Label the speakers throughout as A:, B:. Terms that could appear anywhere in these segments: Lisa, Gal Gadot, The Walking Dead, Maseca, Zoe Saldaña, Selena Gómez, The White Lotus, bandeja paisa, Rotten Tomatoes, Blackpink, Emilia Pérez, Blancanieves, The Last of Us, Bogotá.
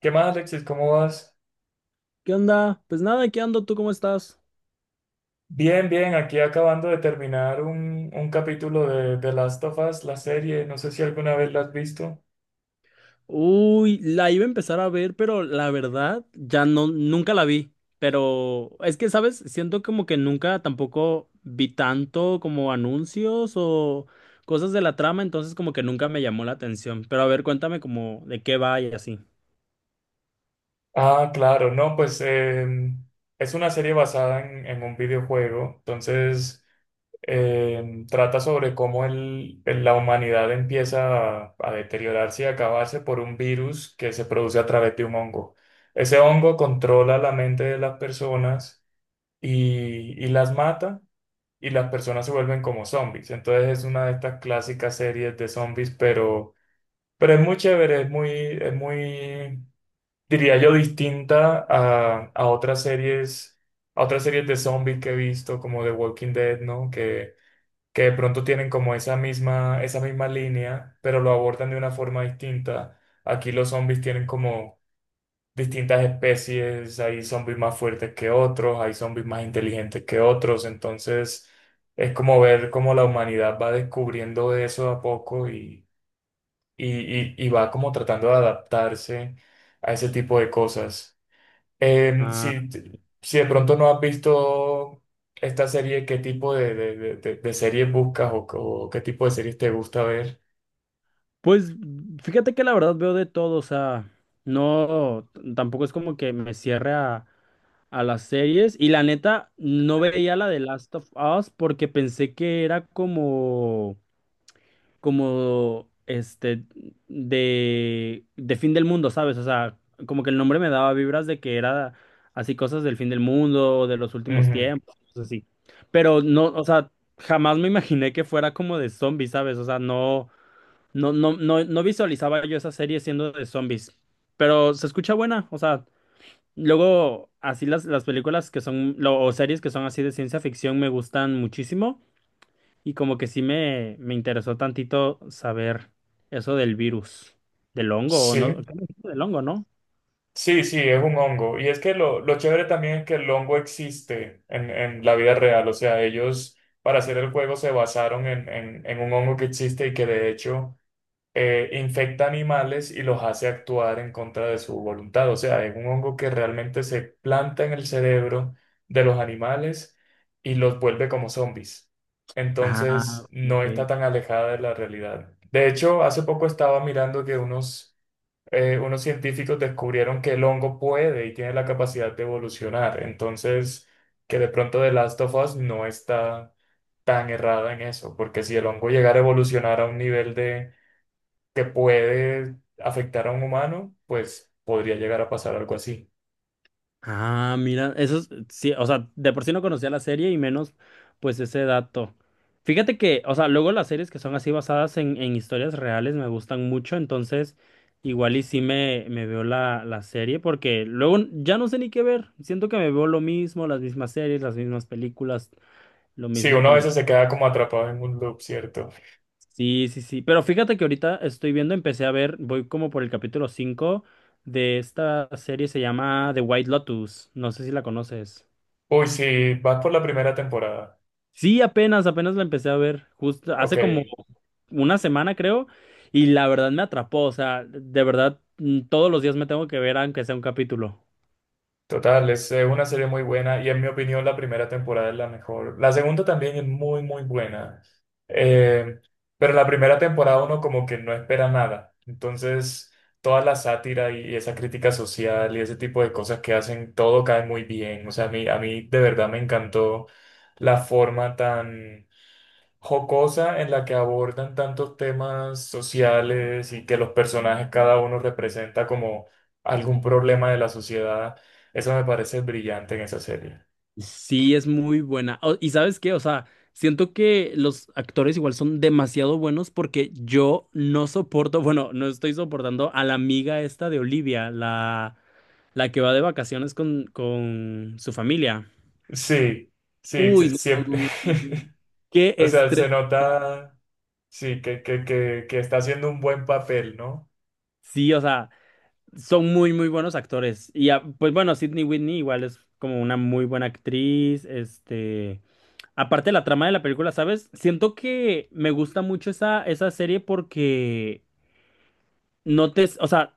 A: ¿Qué más, Alexis? ¿Cómo vas?
B: ¿Qué onda? Pues nada, ¿qué ando? ¿Tú cómo estás?
A: Bien, bien, aquí acabando de terminar un capítulo de Last of Us, la serie, no sé si alguna vez la has visto.
B: Uy, la iba a empezar a ver, pero la verdad ya no, nunca la vi. Pero es que, ¿sabes? Siento como que nunca tampoco vi tanto como anuncios o cosas de la trama, entonces como que nunca me llamó la atención. Pero a ver, cuéntame como de qué va y así.
A: Ah, claro, no, pues, es una serie basada en un videojuego, entonces trata sobre cómo la humanidad empieza a deteriorarse y acabarse por un virus que se produce a través de un hongo. Ese hongo controla la mente de las personas y las mata. Y las personas se vuelven como zombies. Entonces es una de estas clásicas series de zombies, pero es muy chévere, es muy, diría yo, distinta a otras series, a otras series de zombies que he visto, como The Walking Dead, ¿no? Que de pronto tienen como esa misma línea, pero lo abordan de una forma distinta. Aquí los zombies tienen como distintas especies, hay zombies más fuertes que otros, hay zombies más inteligentes que otros, entonces es como ver cómo la humanidad va descubriendo eso a poco y, y va como tratando de adaptarse a ese tipo de cosas. Em,
B: Ah,
A: si, si de pronto no has visto esta serie, ¿qué tipo de series buscas o qué tipo de series te gusta ver?
B: pues fíjate que la verdad veo de todo, o sea, no, tampoco es como que me cierre a las series y la neta no veía la de Last of Us porque pensé que era como como este de fin del mundo, ¿sabes? O sea, como que el nombre me daba vibras de que era así cosas del fin del mundo, de los últimos
A: Ujú.
B: tiempos, cosas así. Pero no, o sea, jamás me imaginé que fuera como de zombies, ¿sabes? O sea, no visualizaba yo esa serie siendo de zombies. Pero se escucha buena, o sea, luego, así las películas que son, o series que son así de ciencia ficción me gustan muchísimo y como que sí me interesó tantito saber eso del virus, del hongo, o ¿no?
A: Sí.
B: ¿Qué me dijiste del hongo, no?
A: Sí, sí, es un hongo. Y es que lo chévere también es que el hongo existe en la vida real. O sea, ellos para hacer el juego se basaron en un hongo que existe y que de hecho infecta animales y los hace actuar en contra de su voluntad. O sea, es un hongo que realmente se planta en el cerebro de los animales y los vuelve como zombies.
B: Ah,
A: Entonces, no
B: ok.
A: está tan alejada de la realidad. De hecho, hace poco estaba mirando que unos unos científicos descubrieron que el hongo puede y tiene la capacidad de evolucionar. Entonces, que de pronto The Last of Us no está tan errada en eso, porque si el hongo llegara a evolucionar a un nivel de que puede afectar a un humano, pues podría llegar a pasar algo así.
B: Ah, mira, eso es, sí, o sea, de por sí no conocía la serie y menos pues ese dato. Fíjate que, o sea, luego las series que son así basadas en historias reales me gustan mucho, entonces igual y sí me veo la serie porque luego ya no sé ni qué ver, siento que me veo lo mismo, las mismas series, las mismas películas, lo
A: Sí,
B: mismo
A: uno a
B: como.
A: veces se queda como atrapado en un loop, ¿cierto?
B: Sí, sí, sí, pero fíjate que ahorita estoy viendo, empecé a ver, voy como por el capítulo 5 de esta serie, se llama The White Lotus, no sé si la conoces.
A: Uy, sí, vas por la primera temporada.
B: Sí, apenas, apenas la empecé a ver, justo
A: Ok.
B: hace como una semana creo, y la verdad me atrapó, o sea, de verdad todos los días me tengo que ver aunque sea un capítulo.
A: Total, es una serie muy buena y en mi opinión la primera temporada es la mejor. La segunda también es muy, muy buena. Eh, pero la primera temporada uno como que no espera nada. Entonces, toda la sátira y esa crítica social y ese tipo de cosas que hacen, todo cae muy bien. O sea, a mí de verdad me encantó la forma tan jocosa en la que abordan tantos temas sociales y que los personajes cada uno representa como algún problema de la sociedad. Eso me parece brillante en esa serie.
B: Sí, es muy buena. Y sabes qué, o sea, siento que los actores igual son demasiado buenos porque yo no soporto, bueno, no estoy soportando a la amiga esta de Olivia, la que va de vacaciones con su familia.
A: Sí, sí,
B: Uy,
A: sí,
B: no,
A: siempre.
B: no, no, no, qué
A: O sea, se
B: estrés.
A: nota, sí, que está haciendo un buen papel, ¿no?
B: Sí, o sea, son muy, muy buenos actores. Y ah, pues bueno, Sydney Whitney igual es como una muy buena actriz. Este, aparte la trama de la película, ¿sabes? Siento que me gusta mucho esa, esa serie porque no te, o sea,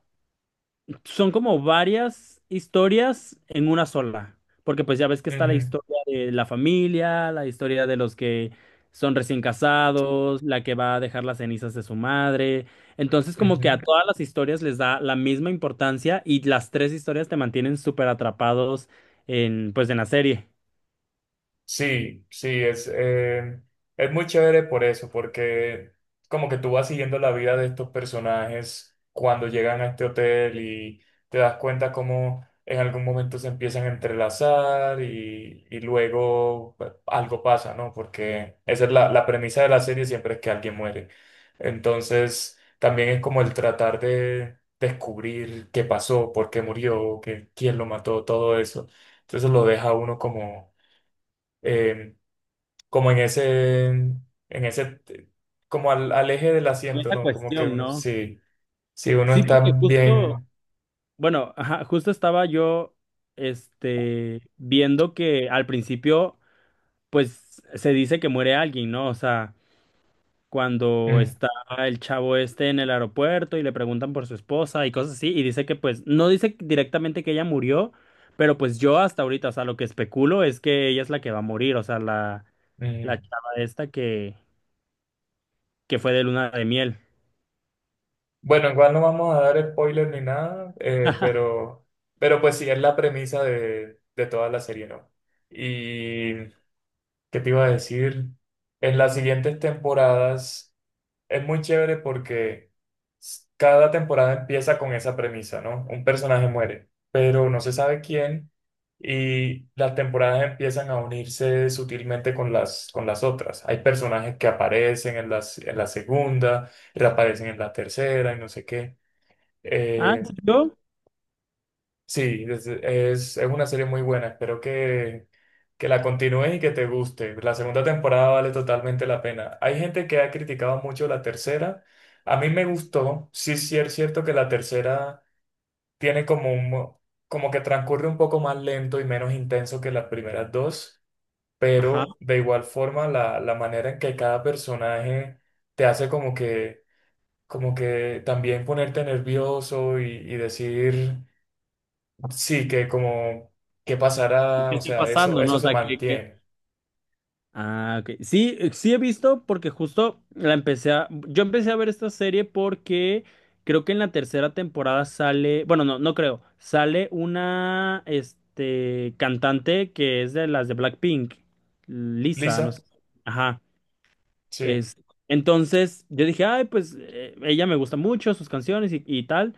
B: son como varias historias en una sola, porque pues ya ves que está la
A: Ujú,
B: historia de la familia, la historia de los que son recién casados, la que va a dejar las cenizas de su madre. Entonces como
A: ujú.
B: que a todas las historias les da la misma importancia y las tres historias te mantienen súper atrapados en pues en la serie.
A: Sí, sí, es muy chévere por eso, porque como que tú vas siguiendo la vida de estos personajes cuando llegan a este hotel y te das cuenta cómo en algún momento se empiezan a entrelazar y luego pues, algo pasa, ¿no? Porque esa es la, la premisa de la serie, siempre es que alguien muere. Entonces, también es como el tratar de descubrir qué pasó, por qué murió, qué, quién lo mató, todo eso. Entonces lo deja a uno como... em, como en ese, como al, al eje del
B: Con
A: asiento,
B: esa
A: ¿no? Como que
B: cuestión,
A: uno,
B: ¿no?
A: sí, si uno
B: Sí,
A: está
B: porque justo,
A: bien.
B: bueno, ajá, justo estaba yo este viendo que al principio pues se dice que muere alguien, ¿no? O sea, cuando
A: Mm,
B: está el chavo este en el aeropuerto y le preguntan por su esposa y cosas así, y dice que pues no dice directamente que ella murió, pero pues yo hasta ahorita, o sea, lo que especulo es que ella es la que va a morir, o sea, la
A: mm.
B: chava esta que fue de luna de miel.
A: Bueno, igual no vamos a dar spoiler ni nada, pero pues sí, es la premisa de toda la serie, ¿no? Y, ¿qué te iba a decir? En las siguientes temporadas. Es muy chévere porque cada temporada empieza con esa premisa, ¿no? Un personaje muere, pero no se sabe quién y las temporadas empiezan a unirse sutilmente con las otras. Hay personajes que aparecen en las, en la segunda, reaparecen en la tercera y no sé qué.
B: Ah, ¿en
A: Eh,
B: serio?
A: sí, es una serie muy buena. Espero que la continúes y que te guste. La segunda temporada vale totalmente la pena. Hay gente que ha criticado mucho la tercera. A mí me gustó. Sí, sí es cierto que la tercera tiene como un, como que transcurre un poco más lento y menos intenso que las primeras dos,
B: Ajá.
A: pero de igual forma la, la manera en que cada personaje te hace como que también ponerte nervioso y decir, sí, que como, ¿qué pasará?
B: ¿Qué
A: O
B: está
A: sea, eso,
B: pasando, no?
A: eso
B: O
A: se
B: sea, ¿qué, qué-
A: mantiene.
B: Ah, ok. Sí, sí he visto porque justo la empecé a... Yo empecé a ver esta serie porque creo que en la tercera temporada sale... Bueno, no, no creo. Sale una, este, cantante que es de las de Blackpink. Lisa, no
A: Lisa.
B: sé. Ajá.
A: Sí,
B: Es... Entonces yo dije, ay, pues ella me gusta mucho, sus canciones y tal,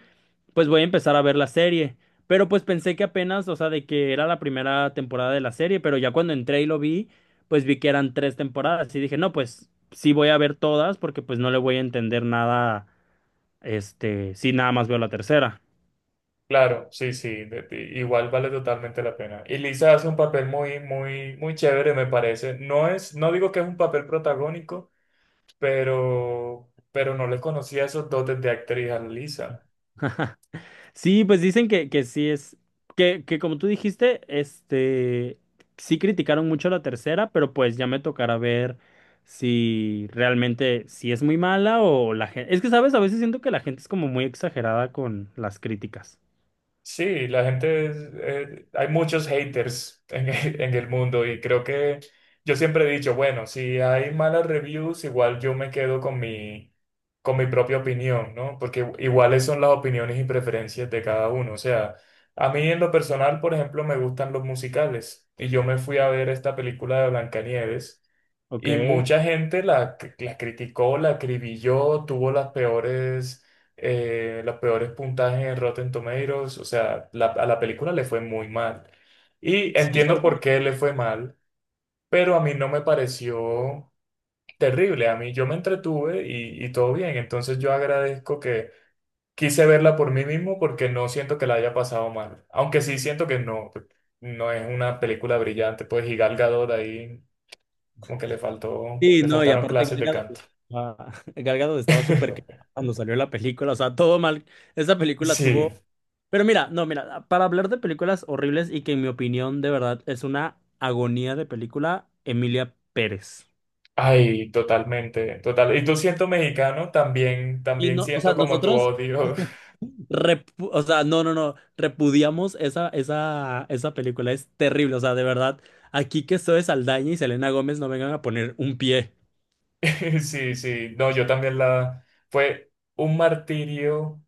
B: pues voy a empezar a ver la serie. Pero pues pensé que apenas, o sea, de que era la primera temporada de la serie, pero ya cuando entré y lo vi, pues vi que eran tres temporadas y dije, no, pues sí voy a ver todas porque pues no le voy a entender nada, este, si nada más veo la tercera.
A: claro, sí, sí, igual vale totalmente la pena. Y Lisa hace un papel muy, muy, muy chévere, me parece. No es, no digo que es un papel protagónico, pero no le conocía esos dotes de actriz a Lisa.
B: Sí, pues dicen que sí es, que como tú dijiste, este, sí criticaron mucho la tercera, pero pues ya me tocará ver si realmente, si es muy mala o la gente, es que sabes, a veces siento que la gente es como muy exagerada con las críticas,
A: Sí, la gente, hay muchos haters en el mundo y creo que yo siempre he dicho, bueno, si hay malas reviews, igual yo me quedo con mi propia opinión, ¿no? Porque iguales son las opiniones y preferencias de cada uno. O sea, a mí en lo personal, por ejemplo, me gustan los musicales y yo me fui a ver esta película de Blancanieves.
B: ¿ok?
A: Y mucha gente la, la criticó, la acribilló, tuvo las peores, los peores puntajes en Rotten Tomatoes. O sea, a la película le fue muy mal. Y entiendo por
B: Sí,
A: qué le fue mal, pero a mí no me pareció terrible. A mí yo me entretuve y todo bien. Entonces yo agradezco que quise verla por mí mismo porque no siento que la haya pasado mal. Aunque sí siento que no, no es una película brillante. Pues y Gal Gadot ahí. Como que le faltó,
B: sí,
A: le
B: no, y
A: faltaron
B: aparte
A: clases de canto.
B: Galgado estaba súper quemado cuando salió la película, o sea, todo mal. Esa película
A: Sí,
B: tuvo... Pero mira, no, mira, para hablar de películas horribles y que en mi opinión de verdad es una agonía de película, Emilia Pérez.
A: ay, totalmente, total. Y tú siento mexicano, también,
B: Y
A: también
B: no, o sea,
A: siento como tu
B: nosotros,
A: odio.
B: o sea, no, no, no, repudiamos esa película, es terrible, o sea, de verdad, aquí que Zoe Saldaña y Selena Gómez no vengan a poner un pie.
A: Sí, sí, no, yo también la, fue un martirio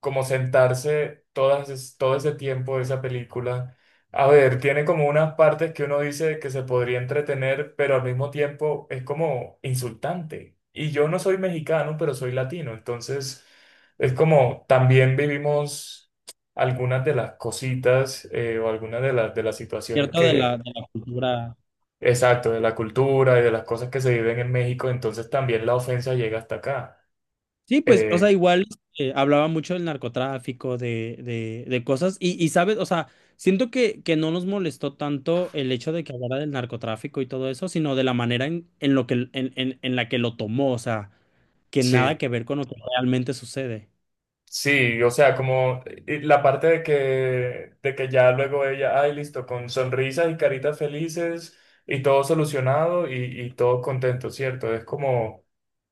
A: como sentarse todas, todo ese tiempo de esa película. A ver, tiene como unas partes que uno dice que se podría entretener, pero al mismo tiempo es como insultante. Y yo no soy mexicano, pero soy latino, entonces es como también vivimos algunas de las cositas o algunas de las situaciones
B: Cierto de
A: que,
B: de la cultura.
A: exacto, de la cultura y de las cosas que se viven en México, entonces también la ofensa llega hasta acá.
B: Sí, pues, o sea,
A: Eh,
B: igual hablaba mucho del narcotráfico, de cosas, y sabes, o sea, siento que no nos molestó tanto el hecho de que hablara del narcotráfico y todo eso, sino de la manera en lo que en la que lo tomó, o sea, que nada
A: sí.
B: que ver con lo que realmente sucede.
A: Sí, o sea, como la parte de que ya luego ella, ay, listo, con sonrisas y caritas felices y todo solucionado y todo contento, ¿cierto? Es como,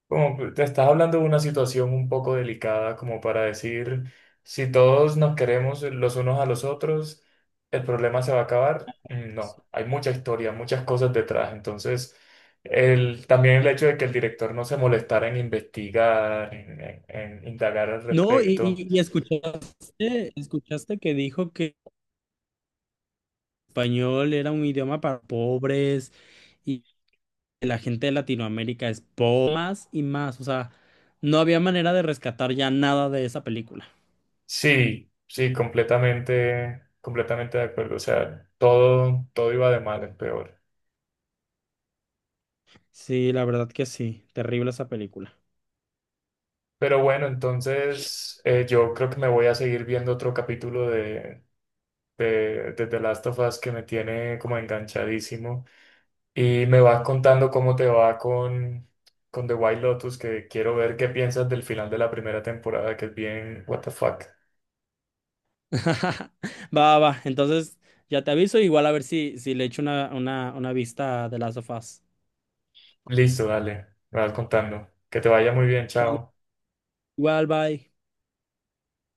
A: como que te estás hablando de una situación un poco delicada, como para decir, si todos nos queremos los unos a los otros, ¿el problema se va a acabar? Mm, no, hay mucha historia, muchas cosas detrás, entonces... El, también el hecho de que el director no se molestara en investigar, en, en indagar al
B: No,
A: respecto,
B: y escuchaste, escuchaste que dijo que español era un idioma para pobres, la gente de Latinoamérica es más y más. O sea, no había manera de rescatar ya nada de esa película.
A: sí, sí, completamente, completamente de acuerdo. O sea, todo, todo iba de mal en peor.
B: Sí, la verdad que sí. Terrible esa película.
A: Pero bueno, entonces yo creo que me voy a seguir viendo otro capítulo de The Last of Us que me tiene como enganchadísimo. Y me vas contando cómo te va con The White Lotus, que quiero ver qué piensas del final de la primera temporada, que es bien, what the fuck.
B: Va, va, va. Entonces, ya te aviso. Igual a ver si, si le echo una vista de las of Us.
A: Listo, dale, me vas contando. Que te vaya muy bien,
B: Sale.
A: chao.
B: Igual, bye.